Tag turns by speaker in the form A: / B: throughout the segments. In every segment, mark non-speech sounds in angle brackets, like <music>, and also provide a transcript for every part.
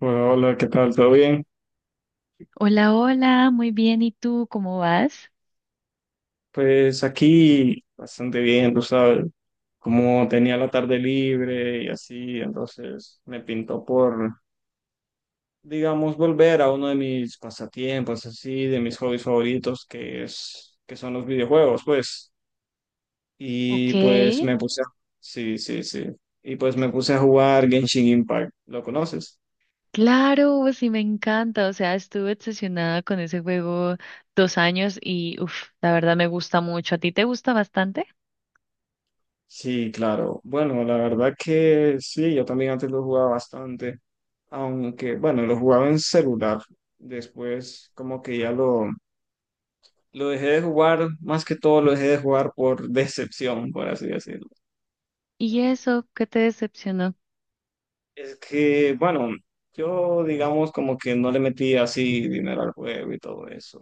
A: Hola, ¿qué tal? ¿Todo bien?
B: Hola, hola, muy bien. ¿Y tú cómo vas?
A: Pues aquí bastante bien, tú sabes, como tenía la tarde libre y así, entonces me pintó por, digamos, volver a uno de mis pasatiempos, así, de mis hobbies favoritos, que son los videojuegos, pues. Y
B: Ok,
A: pues me puse a... Sí, sí, sí. Y pues me puse a jugar Genshin Impact. ¿Lo conoces?
B: claro, pues sí me encanta. O sea, estuve obsesionada con ese juego 2 años y, uff, la verdad me gusta mucho. ¿A ti te gusta bastante?
A: Sí, claro. Bueno, la verdad que sí, yo también antes lo jugaba bastante. Aunque bueno, lo jugaba en celular. Después como que lo dejé de jugar, más que todo lo dejé de jugar por <laughs> decepción, por así decirlo.
B: ¿Y eso qué te decepcionó?
A: Es que, bueno, yo digamos como que no le metí así dinero al juego y todo eso.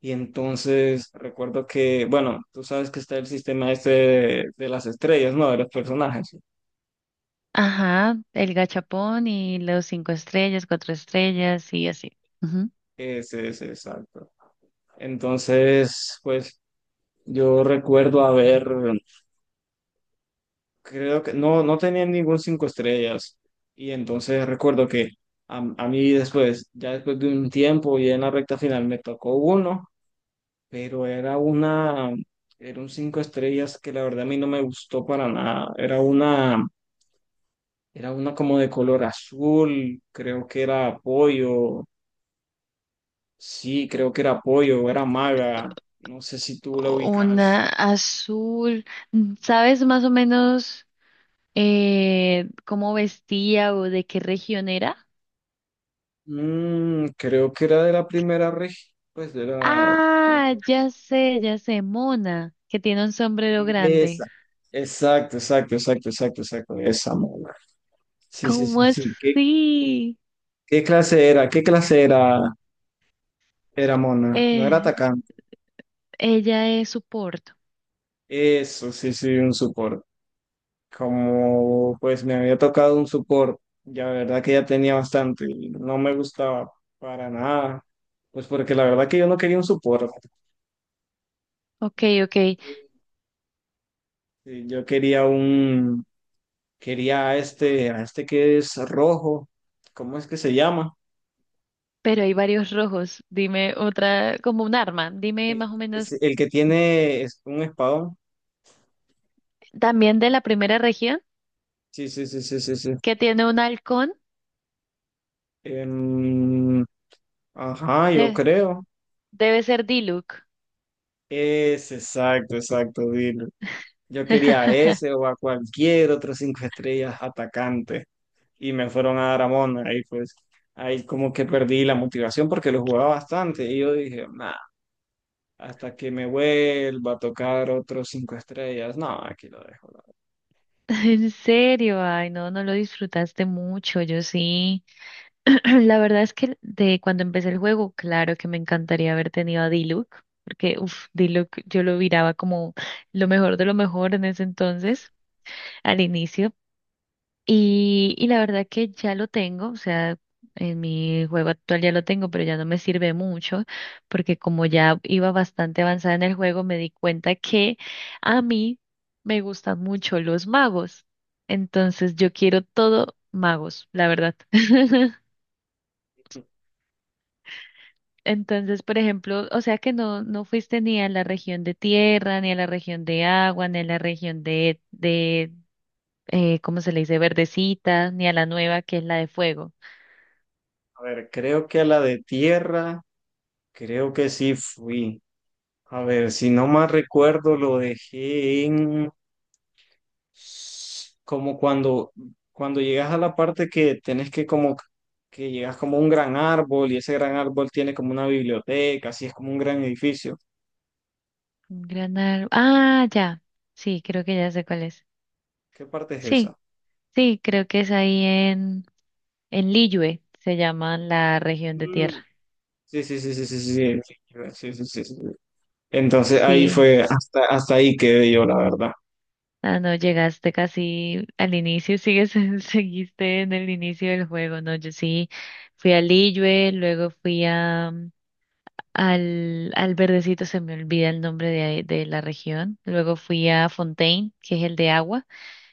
A: Y entonces recuerdo que, bueno, tú sabes que está el sistema este de las estrellas, ¿no? De los personajes.
B: Ajá, el gachapón y los cinco estrellas, cuatro estrellas y así. Ujú.
A: Ese, exacto. Entonces, pues yo recuerdo haber, creo que no tenían ningún cinco estrellas. Y entonces recuerdo que a mí después, ya después de un tiempo y en la recta final me tocó uno, pero era un cinco estrellas que la verdad a mí no me gustó para nada. Era una como de color azul, creo que era pollo, sí, creo que era pollo, era maga, no sé si tú la ubicarás.
B: Una azul. ¿Sabes más o menos cómo vestía o de qué región era?
A: Creo que era de la primera región, pues de la...
B: Ah, ya sé, Mona, que tiene un sombrero grande.
A: Esa. Exacto, exacto, exacto, exacto, exacto. Esa mona. Sí, sí,
B: ¿Cómo
A: sí, sí.
B: así?
A: ¿Qué clase era? ¿Qué clase era, era mona? No, era
B: Eh,
A: atacante.
B: Ella es soporte.
A: Eso, sí, sí, un support. Como pues me había tocado un support, ya la verdad que ya tenía bastante y no me gustaba para nada. Pues porque la verdad que yo no quería un support.
B: Ok, ok,
A: Sí, yo quería a este que es rojo. ¿Cómo es que se llama?
B: pero hay varios rojos. Dime otra, como un arma. Dime
A: El,
B: más o
A: es
B: menos,
A: el que tiene, es un espadón.
B: también de la primera región,
A: Sí, sí, sí, sí, sí, sí.
B: que tiene un halcón.
A: Em, ajá, yo
B: De-
A: creo.
B: Debe ser Diluc.
A: Es exacto, exacto, Dilo. Yo quería a
B: <laughs>
A: ese o a cualquier otro cinco estrellas atacante y me fueron a dar a Mona. Ahí pues, ahí como que perdí la motivación porque lo jugaba bastante y yo dije, nah, hasta que me vuelva a tocar otros cinco estrellas, no, aquí lo dejo.
B: En serio, ay, no, no lo disfrutaste mucho, yo sí. <clears throat> La verdad es que de cuando empecé el juego, claro que me encantaría haber tenido a Diluc, porque uff, Diluc yo lo miraba como lo mejor de lo mejor en ese entonces, al inicio. Y la verdad que ya lo tengo, o sea, en mi juego actual ya lo tengo, pero ya no me sirve mucho, porque como ya iba bastante avanzada en el juego, me di cuenta que a mí me gustan mucho los magos. Entonces yo quiero todo magos, la verdad. <laughs> Entonces, por ejemplo, o sea que no, no fuiste ni a la región de tierra, ni a la región de agua, ni a la región de, ¿cómo se le dice? Verdecita, ni a la nueva que es la de fuego.
A: A ver, creo que a la de tierra, creo que sí fui. A ver, si no más recuerdo, lo dejé en como cuando llegas a la parte que tenés que como que llegas como a un gran árbol y ese gran árbol tiene como una biblioteca, así es como un gran edificio.
B: Un gran árbol. Ah, ya. Sí, creo que ya sé cuál es.
A: ¿Qué parte es
B: Sí,
A: esa?
B: sí, creo que es ahí en, Liyue, se llama la región de tierra.
A: Mm, sí, sí, sí, sí, sí, sí, sí, sí, sí, sí, sí, sí. Entonces ahí
B: Sí.
A: fue, hasta ahí quedé yo, la verdad.
B: Ah, no, llegaste casi al inicio, sigues, <laughs> seguiste en el inicio del juego, ¿no? Yo sí fui a Liyue, luego fui al verdecito, se me olvida el nombre de la región, luego fui a Fontaine, que es el de agua,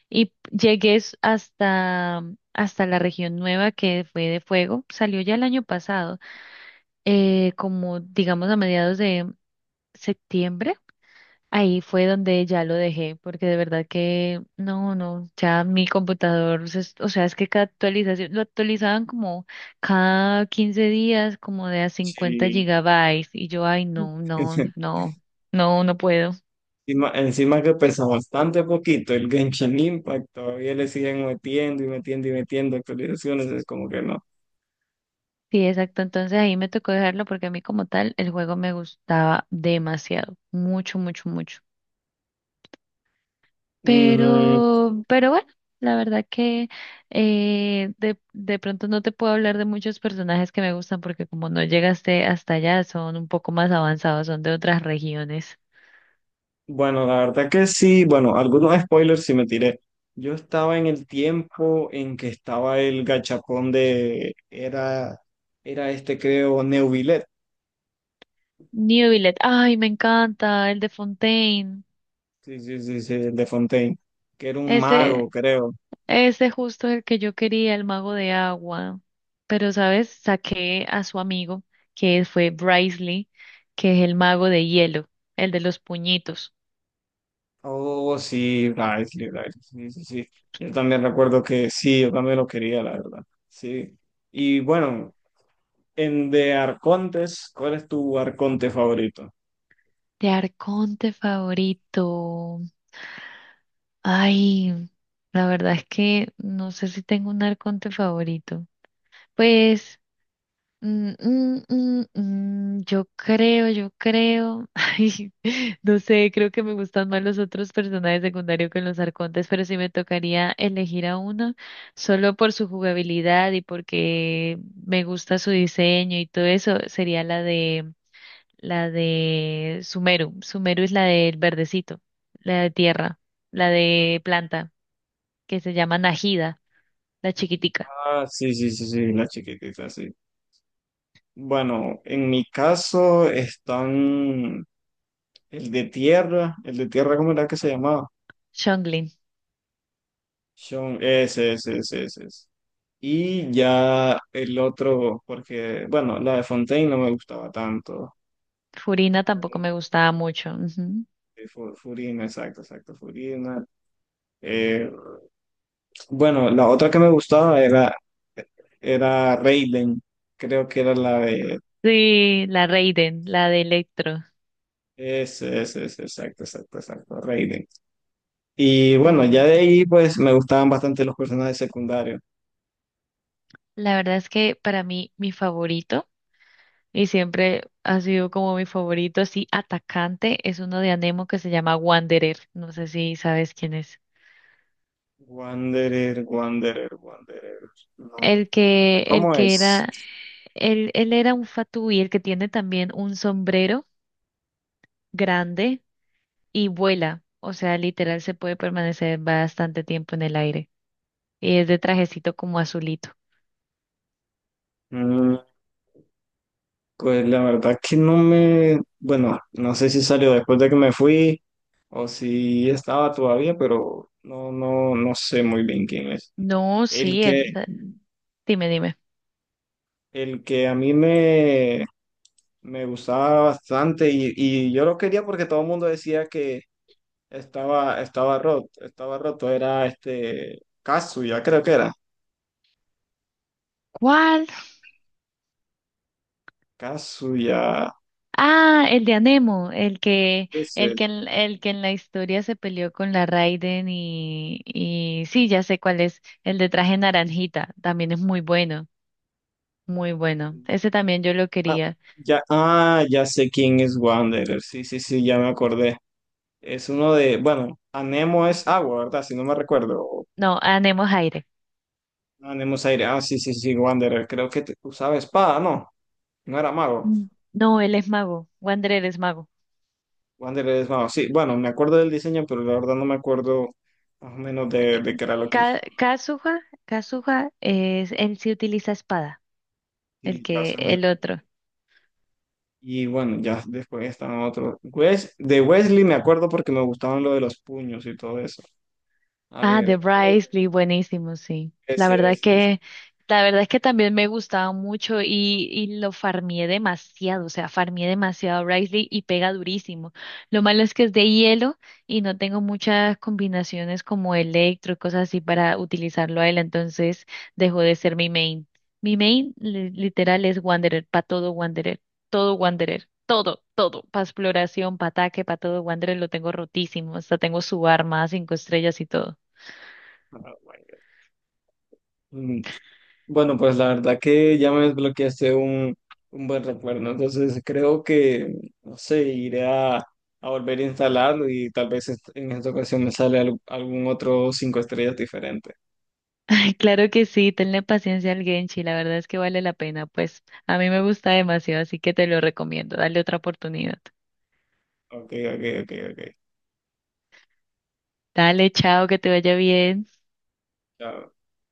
B: y llegué hasta, hasta la región nueva que fue de fuego, salió ya el año pasado, como digamos a mediados de septiembre. Ahí fue donde ya lo dejé, porque de verdad que no, no, ya mi computador, o sea, es que cada actualización, lo actualizaban como cada 15 días, como de a cincuenta
A: Sí.
B: gigabytes, y yo, ay, no, no,
A: <laughs>
B: no, no, no puedo.
A: Encima, encima que pesa bastante poquito el Genshin Impact, todavía le siguen metiendo y metiendo y metiendo actualizaciones, es como que no.
B: Sí, exacto, entonces ahí me tocó dejarlo porque a mí como tal el juego me gustaba demasiado, mucho, mucho, mucho.
A: Mm,
B: Pero bueno, la verdad que de pronto no te puedo hablar de muchos personajes que me gustan porque como no llegaste hasta allá, son un poco más avanzados, son de otras regiones.
A: bueno, la verdad que sí, bueno, algunos spoilers sí me tiré. Yo estaba en el tiempo en que estaba el gachapón de, era este creo, Neuvillet,
B: Newvillet, ay, me encanta, el de Fontaine.
A: sí, sí, sí, sí, el de Fontaine, que era un mago,
B: Ese,
A: creo.
B: ese justo el que yo quería, el mago de agua. Pero, ¿sabes? Saqué a su amigo, que fue Bricely, que es el mago de hielo, el de los puñitos.
A: Oh, sí, Lively, Lively, sí, sí, sí. Yo también recuerdo que sí, yo también lo quería, la verdad. Sí. Y bueno, en de arcontes, ¿cuál es tu arconte favorito?
B: De Arconte favorito. Ay, la verdad es que no sé si tengo un arconte favorito. Pues, mm, mm, mm, yo creo, yo creo. <laughs> Ay, no sé, creo que me gustan más los otros personajes secundarios que los arcontes, pero si me tocaría elegir a uno solo por su jugabilidad y porque me gusta su diseño y todo eso, sería la de Sumeru. Sumeru es la del verdecito, la de tierra, la de planta que se llama Najida, la chiquitica.
A: Ah, sí, sí, sí, sí, la chiquitita, sí. Bueno, en mi caso están el de tierra, ¿cómo era que se llamaba?
B: Chonglin.
A: Sean, ese, ese, ese, ese, ese. Y ya el otro, porque, bueno, la de Fontaine no me gustaba tanto.
B: Furina tampoco me gustaba mucho. Ujú.
A: Sí, Furina, exacto, exacto, Furina. Eh, bueno, la otra que me gustaba era, era Raiden, creo que era la de...
B: Sí, la Raiden, la de Electro.
A: Es, exacto, exacto, exacto, Raiden. Y bueno, ya
B: Uh,
A: de ahí pues me gustaban bastante los personajes secundarios.
B: La verdad es que para mí mi favorito, y siempre ha sido como mi favorito así atacante, es uno de Anemo que se llama Wanderer. No sé si sabes quién es.
A: Wanderer, Wanderer, Wanderer. No,
B: El que, el
A: ¿cómo
B: que
A: es?
B: era, él era un fatui, el que tiene también un sombrero grande y vuela. O sea, literal se puede permanecer bastante tiempo en el aire. Y es de trajecito como azulito.
A: Mm, pues la verdad que no me, bueno, no sé si salió después de que me fui o si estaba todavía, pero no, no, no sé muy bien quién es.
B: No,
A: El
B: sí,
A: que,
B: él. Dime, dime.
A: el que me gustaba bastante y yo lo quería porque todo el mundo decía que estaba roto, era este, Kazuya, creo que era.
B: ¿Cuál?
A: Kazuya,
B: Ah, el de Anemo, el que, el
A: ese.
B: que, en, el que en la historia se peleó con la Raiden y sí, ya sé cuál es, el de traje naranjita, también es muy bueno, muy bueno. Ese también yo lo
A: Ah,
B: quería.
A: ya, ah, ya sé quién es Wanderer, sí, sí, sí, ya me acordé. Es uno de, bueno, Anemo es agua, ¿verdad? Si no me recuerdo. O
B: No, Anemo es aire.
A: Anemo es aire. Ah, sí, sí, sí, Wanderer. Creo que usaba espada, no. No era mago.
B: Mm. No, él es mago, Wanderer es mago.
A: Wanderer es mago. Sí, bueno, me acuerdo del diseño, pero la verdad no me acuerdo más o menos de qué era lo que
B: Ka
A: usaba.
B: Kazuha, Kazuha es, él sí utiliza espada, el
A: Y,
B: que, el otro.
A: y bueno, ya después están otros. Wes, de Wesley me acuerdo porque me gustaban lo de los puños y todo eso. A
B: Ah, de
A: ver, ¿cuál es?
B: Bryce Lee, buenísimo, sí. La
A: Ese,
B: verdad es
A: ese, ese.
B: que, la verdad es que también me gustaba mucho y lo farmié demasiado, o sea, farmié demasiado a Bryce Lee y pega durísimo. Lo malo es que es de hielo y no tengo muchas combinaciones como electro y cosas así para utilizarlo a él, entonces dejó de ser mi main. Mi main literal es Wanderer, para todo Wanderer, todo Wanderer. Todo, todo, para exploración, para ataque, para todo, Wanderer lo tengo rotísimo, hasta tengo su arma, cinco estrellas y todo.
A: Ah, bueno. Bueno, pues la verdad que ya me desbloqueaste un buen recuerdo, entonces creo que, no sé, iré a volver a instalarlo y tal vez en esta ocasión me sale algún otro cinco estrellas diferente.
B: Ay, claro que sí, tenle paciencia al Genshi, la verdad es que vale la pena, pues a mí me gusta demasiado, así que te lo recomiendo, dale otra oportunidad.
A: Ok, ok, ok, ok.
B: Dale, chao, que te vaya bien.
A: Chao.